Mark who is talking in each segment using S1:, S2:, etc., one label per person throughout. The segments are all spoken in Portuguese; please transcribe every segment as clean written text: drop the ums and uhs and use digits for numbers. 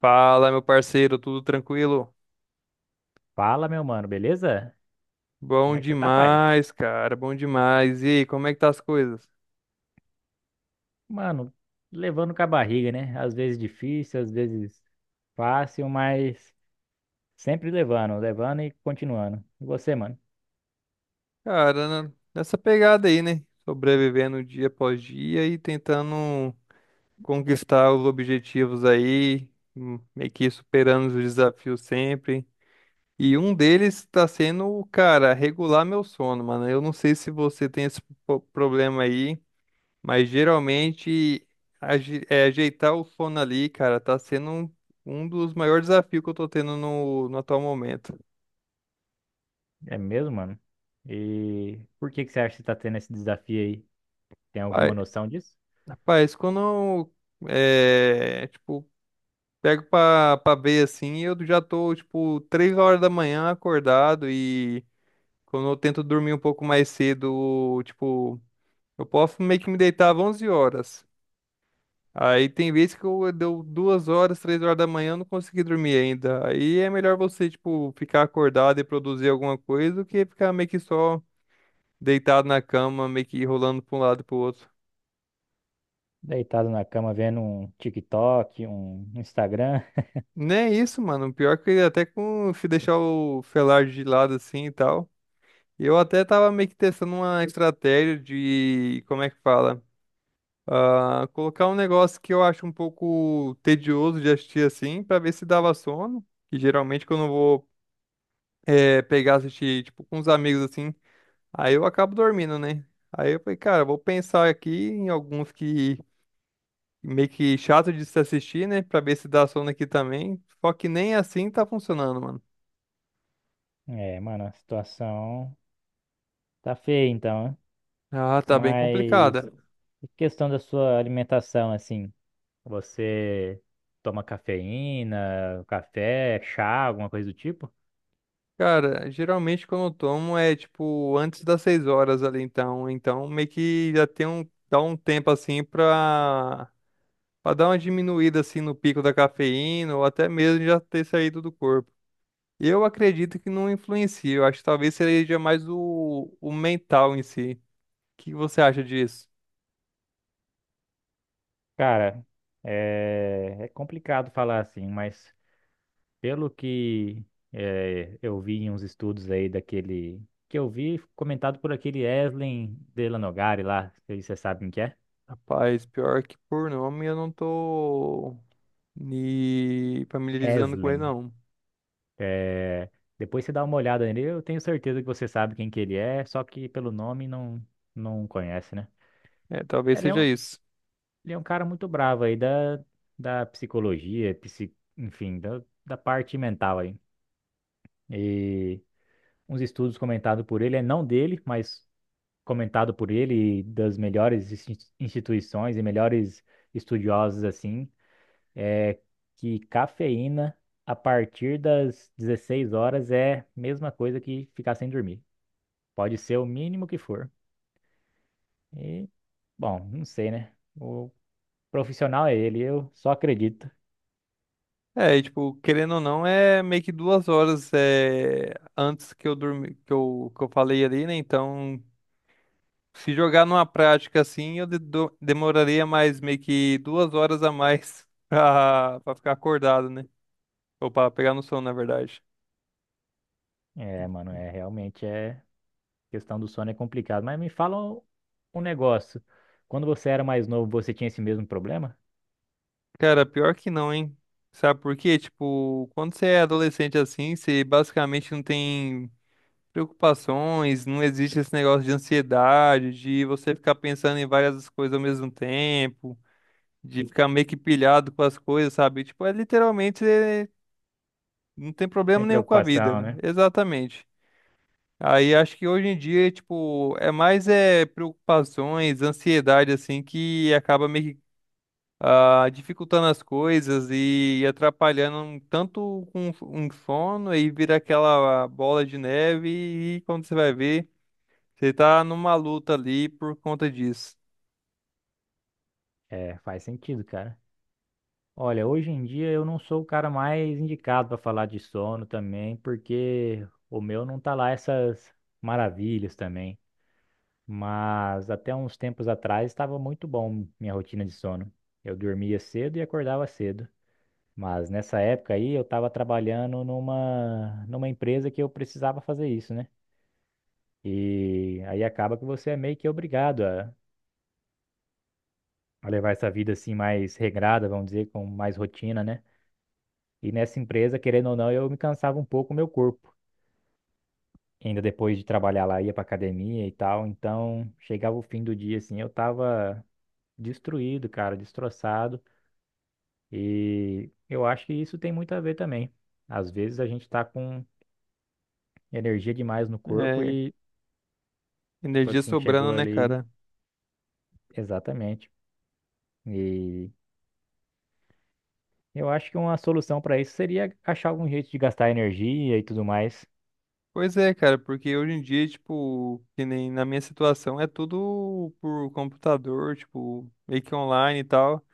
S1: Fala, meu parceiro, tudo tranquilo?
S2: Fala, meu mano, beleza? Como
S1: Bom
S2: é que você tá, pai?
S1: demais, cara, bom demais. E aí, como é que tá as coisas?
S2: Mano, levando com a barriga, né? Às vezes difícil, às vezes fácil, mas sempre levando, levando e continuando. E você, mano?
S1: Cara, né, nessa pegada aí, né? Sobrevivendo dia após dia e tentando conquistar os objetivos aí, meio que superando os desafios sempre. E um deles tá sendo, cara, regular meu sono, mano. Eu não sei se você tem esse problema aí. Mas geralmente ajeitar o sono ali, cara, tá sendo um dos maiores desafios que eu tô tendo no atual momento.
S2: É mesmo, mano? E por que que você acha que você tá tendo esse desafio aí? Tem
S1: Pai-
S2: alguma noção disso?
S1: Rapaz, quando eu, tipo, pego pra ver assim, eu já tô, tipo, 3 horas da manhã acordado e quando eu tento dormir um pouco mais cedo, tipo, eu posso meio que me deitar às 11 horas. Aí tem vezes que eu deu 2 horas, 3 horas da manhã, eu não consegui dormir ainda. Aí é melhor você, tipo, ficar acordado e produzir alguma coisa do que ficar meio que só deitado na cama, meio que rolando pra um lado e pro outro.
S2: Deitado na cama vendo um TikTok, um Instagram.
S1: Nem é isso, mano. Pior que até com se deixar o felar de lado assim e tal. Eu até tava meio que testando uma estratégia de, como é que fala? Ah, colocar um negócio que eu acho um pouco tedioso de assistir assim, pra ver se dava sono. Que geralmente quando eu vou pegar, assistir, tipo, com os amigos, assim. Aí eu acabo dormindo, né? Aí eu falei, cara, vou pensar aqui em alguns que meio que chato de se assistir, né? Pra ver se dá sono aqui também. Só que nem assim tá funcionando, mano.
S2: É, mano, a situação tá feia então, né?
S1: Ah, tá bem
S2: Mas
S1: complicada.
S2: e questão da sua alimentação, assim. Você toma cafeína, café, chá, alguma coisa do tipo?
S1: Cara, geralmente quando eu tomo tipo, antes das 6 horas ali, então. Então meio que já tem um, dá um tempo, assim, pra, pra dar uma diminuída, assim, no pico da cafeína ou até mesmo já ter saído do corpo. Eu acredito que não influencia. Eu acho que talvez seja mais o mental em si. O que você acha disso?
S2: Cara, é complicado falar assim, mas pelo que eu vi em uns estudos aí daquele. Que eu vi comentado por aquele Eslen Delanogari lá, se você sabe quem que é?
S1: Rapaz, pior que por nome eu não tô me familiarizando com ele,
S2: Eslen.
S1: não.
S2: É, depois você dá uma olhada nele, eu tenho certeza que você sabe quem que ele é, só que pelo nome não, não conhece, né?
S1: É, talvez
S2: Ele é
S1: seja
S2: um
S1: isso.
S2: Ele é um cara muito bravo aí da, da psicologia, enfim, da parte mental aí. E uns estudos comentados por ele, não dele, mas comentado por ele e das melhores instituições e melhores estudiosos assim, é que cafeína a partir das 16h é mesma coisa que ficar sem dormir. Pode ser o mínimo que for. E, bom, não sei, né? O profissional é ele, eu só acredito.
S1: É, e, tipo, querendo ou não, é meio que 2 horas antes que eu dormi, que eu falei ali, né? Então, se jogar numa prática assim, eu demoraria mais meio que 2 horas a mais pra ficar acordado, né? Ou pra pegar no sono, na verdade.
S2: É, mano, realmente é questão do sono, é complicado. Mas me fala um negócio. Quando você era mais novo, você tinha esse mesmo problema?
S1: Cara, pior que não, hein? Sabe por quê? Tipo, quando você é adolescente assim, você basicamente não tem preocupações, não existe esse negócio de ansiedade, de você ficar pensando em várias coisas ao mesmo tempo, de ficar meio que pilhado com as coisas, sabe? Tipo, é literalmente você não tem problema
S2: Sem
S1: nenhum com a
S2: preocupação,
S1: vida.
S2: né?
S1: Exatamente. Aí acho que hoje em dia, tipo, é mais preocupações, ansiedade assim que acaba meio que ah, dificultando as coisas e atrapalhando um tanto com um sono e vira aquela bola de neve e quando você vai ver, você tá numa luta ali por conta disso.
S2: É, faz sentido, cara. Olha, hoje em dia eu não sou o cara mais indicado para falar de sono também, porque o meu não tá lá essas maravilhas também. Mas até uns tempos atrás estava muito bom minha rotina de sono. Eu dormia cedo e acordava cedo. Mas nessa época aí eu estava trabalhando numa empresa que eu precisava fazer isso, né? E aí acaba que você é meio que obrigado a levar essa vida assim mais regrada, vamos dizer, com mais rotina, né? E nessa empresa, querendo ou não, eu me cansava um pouco o meu corpo. Ainda depois de trabalhar lá, ia pra academia e tal. Então chegava o fim do dia assim, eu tava destruído, cara, destroçado. E eu acho que isso tem muito a ver também. Às vezes a gente tá com energia demais no corpo
S1: É,
S2: e, tipo
S1: energia
S2: assim,
S1: sobrando,
S2: chegou
S1: né,
S2: ali,
S1: cara?
S2: exatamente. E eu acho que uma solução para isso seria achar algum jeito de gastar energia e tudo mais.
S1: Pois é, cara, porque hoje em dia, tipo, que nem na minha situação, é tudo por computador, tipo, meio que online e tal.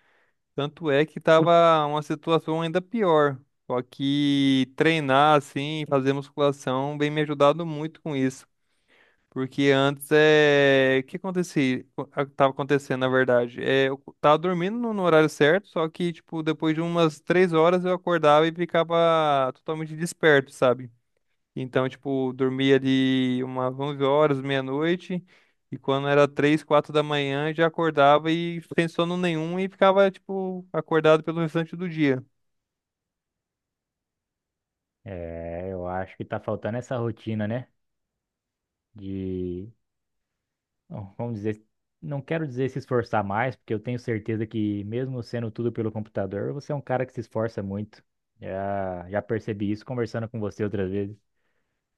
S1: Tanto é que tava uma situação ainda pior. Só que treinar assim, fazer musculação, vem me ajudado muito com isso. Porque antes é. O que acontecia? O que tava acontecendo, na verdade. É, eu tava dormindo no horário certo, só que, tipo, depois de umas 3 horas eu acordava e ficava totalmente desperto, sabe? Então, tipo, dormia ali umas 11 horas, meia-noite, e quando era 3 4 da manhã, já acordava e sem sono nenhum e ficava, tipo, acordado pelo restante do dia.
S2: É, eu acho que tá faltando essa rotina, né? De, bom, vamos dizer, não quero dizer se esforçar mais, porque eu tenho certeza que mesmo sendo tudo pelo computador, você é um cara que se esforça muito. Já percebi isso conversando com você outras vezes.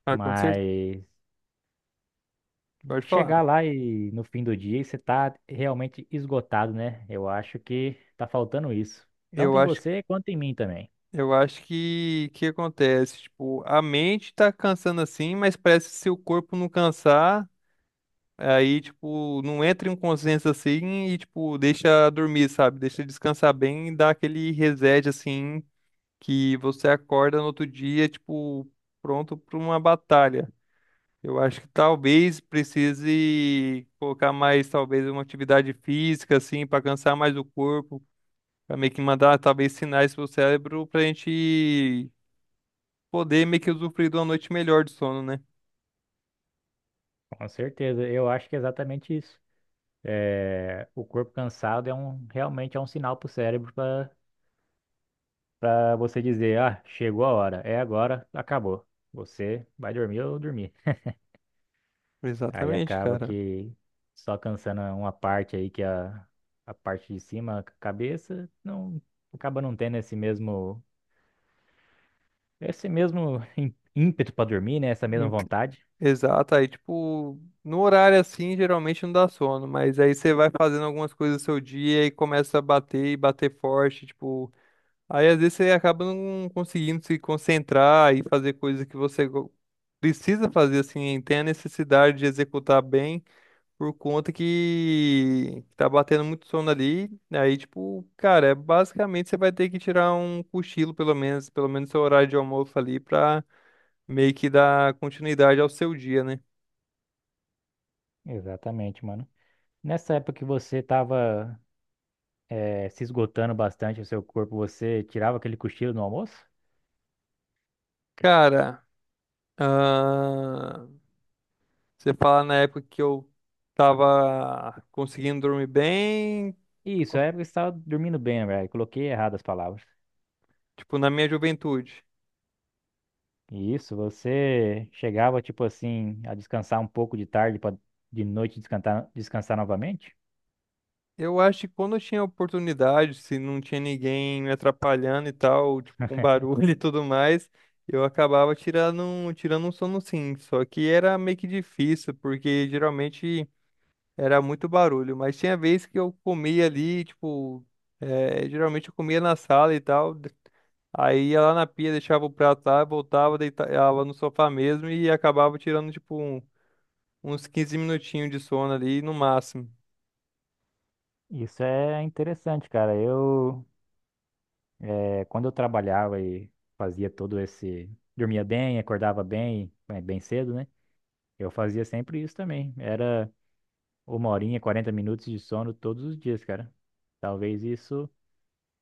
S1: Ah, com certeza,
S2: Mas
S1: pode falar.
S2: chegar lá e no fim do dia e você tá realmente esgotado, né? Eu acho que tá faltando isso.
S1: Eu
S2: Tanto em
S1: acho,
S2: você quanto em mim também.
S1: eu acho que acontece, tipo, a mente tá cansando assim, mas parece que se o corpo não cansar, aí, tipo, não entra em um consenso assim e, tipo, deixa dormir, sabe? Deixa descansar bem e dá aquele reset, assim, que você acorda no outro dia, tipo, pronto para uma batalha. Eu acho que talvez precise colocar mais, talvez, uma atividade física, assim, para cansar mais o corpo, para meio que mandar, talvez, sinais pro cérebro para a gente poder meio que usufruir de uma noite melhor de sono, né?
S2: Com certeza, eu acho que é exatamente isso. É, o corpo cansado realmente é um sinal pro cérebro para você dizer, ah, chegou a hora, é agora, acabou. Você vai dormir ou dormir. Aí
S1: Exatamente,
S2: acaba
S1: cara.
S2: que só cansando uma parte aí que é a parte de cima, a cabeça, não acaba não tendo esse mesmo ímpeto pra dormir, né? Essa mesma
S1: Ent-
S2: vontade.
S1: Exato. Aí, tipo, no horário assim, geralmente não dá sono, mas aí você vai fazendo algumas coisas do seu dia e começa a bater e bater forte, tipo. Aí às vezes você acaba não conseguindo se concentrar e fazer coisas que você precisa fazer assim, tem a necessidade de executar bem por conta que tá batendo muito sono ali. Aí tipo, cara, é basicamente você vai ter que tirar um cochilo pelo menos seu horário de almoço ali pra meio que dar continuidade ao seu dia, né?
S2: Exatamente, mano. Nessa época que você tava se esgotando bastante o seu corpo, você tirava aquele cochilo no almoço?
S1: Cara, ah, você fala na época que eu tava conseguindo dormir bem,
S2: Isso,
S1: co-
S2: é época que você tava dormindo bem, velho. Coloquei errado as palavras.
S1: tipo, na minha juventude.
S2: E, isso, você chegava, tipo assim, a descansar um pouco de tarde para de noite descansar, descansar novamente?
S1: Eu acho que quando eu tinha oportunidade, se não tinha ninguém me atrapalhando e tal, tipo, com barulho e tudo mais, eu acabava tirando, tirando um sono sim. Só que era meio que difícil, porque geralmente era muito barulho. Mas tinha vez que eu comia ali, tipo, geralmente eu comia na sala e tal. Aí ia lá na pia, deixava o prato lá, voltava, deitava no sofá mesmo e acabava tirando, tipo, uns 15 minutinhos de sono ali no máximo.
S2: Isso é interessante, cara. Quando eu trabalhava e fazia todo esse. Dormia bem, acordava bem, bem bem cedo, né? Eu fazia sempre isso também. Era uma horinha, 40 minutos de sono todos os dias, cara. Talvez isso,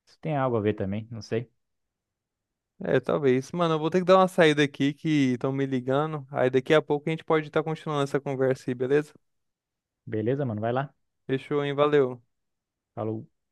S2: isso tenha algo a ver também, não sei.
S1: É, talvez. Mano, eu vou ter que dar uma saída aqui que estão me ligando. Aí daqui a pouco a gente pode estar continuando essa conversa aí, beleza?
S2: Beleza, mano? Vai lá.
S1: Fechou, hein? Valeu.
S2: Falou.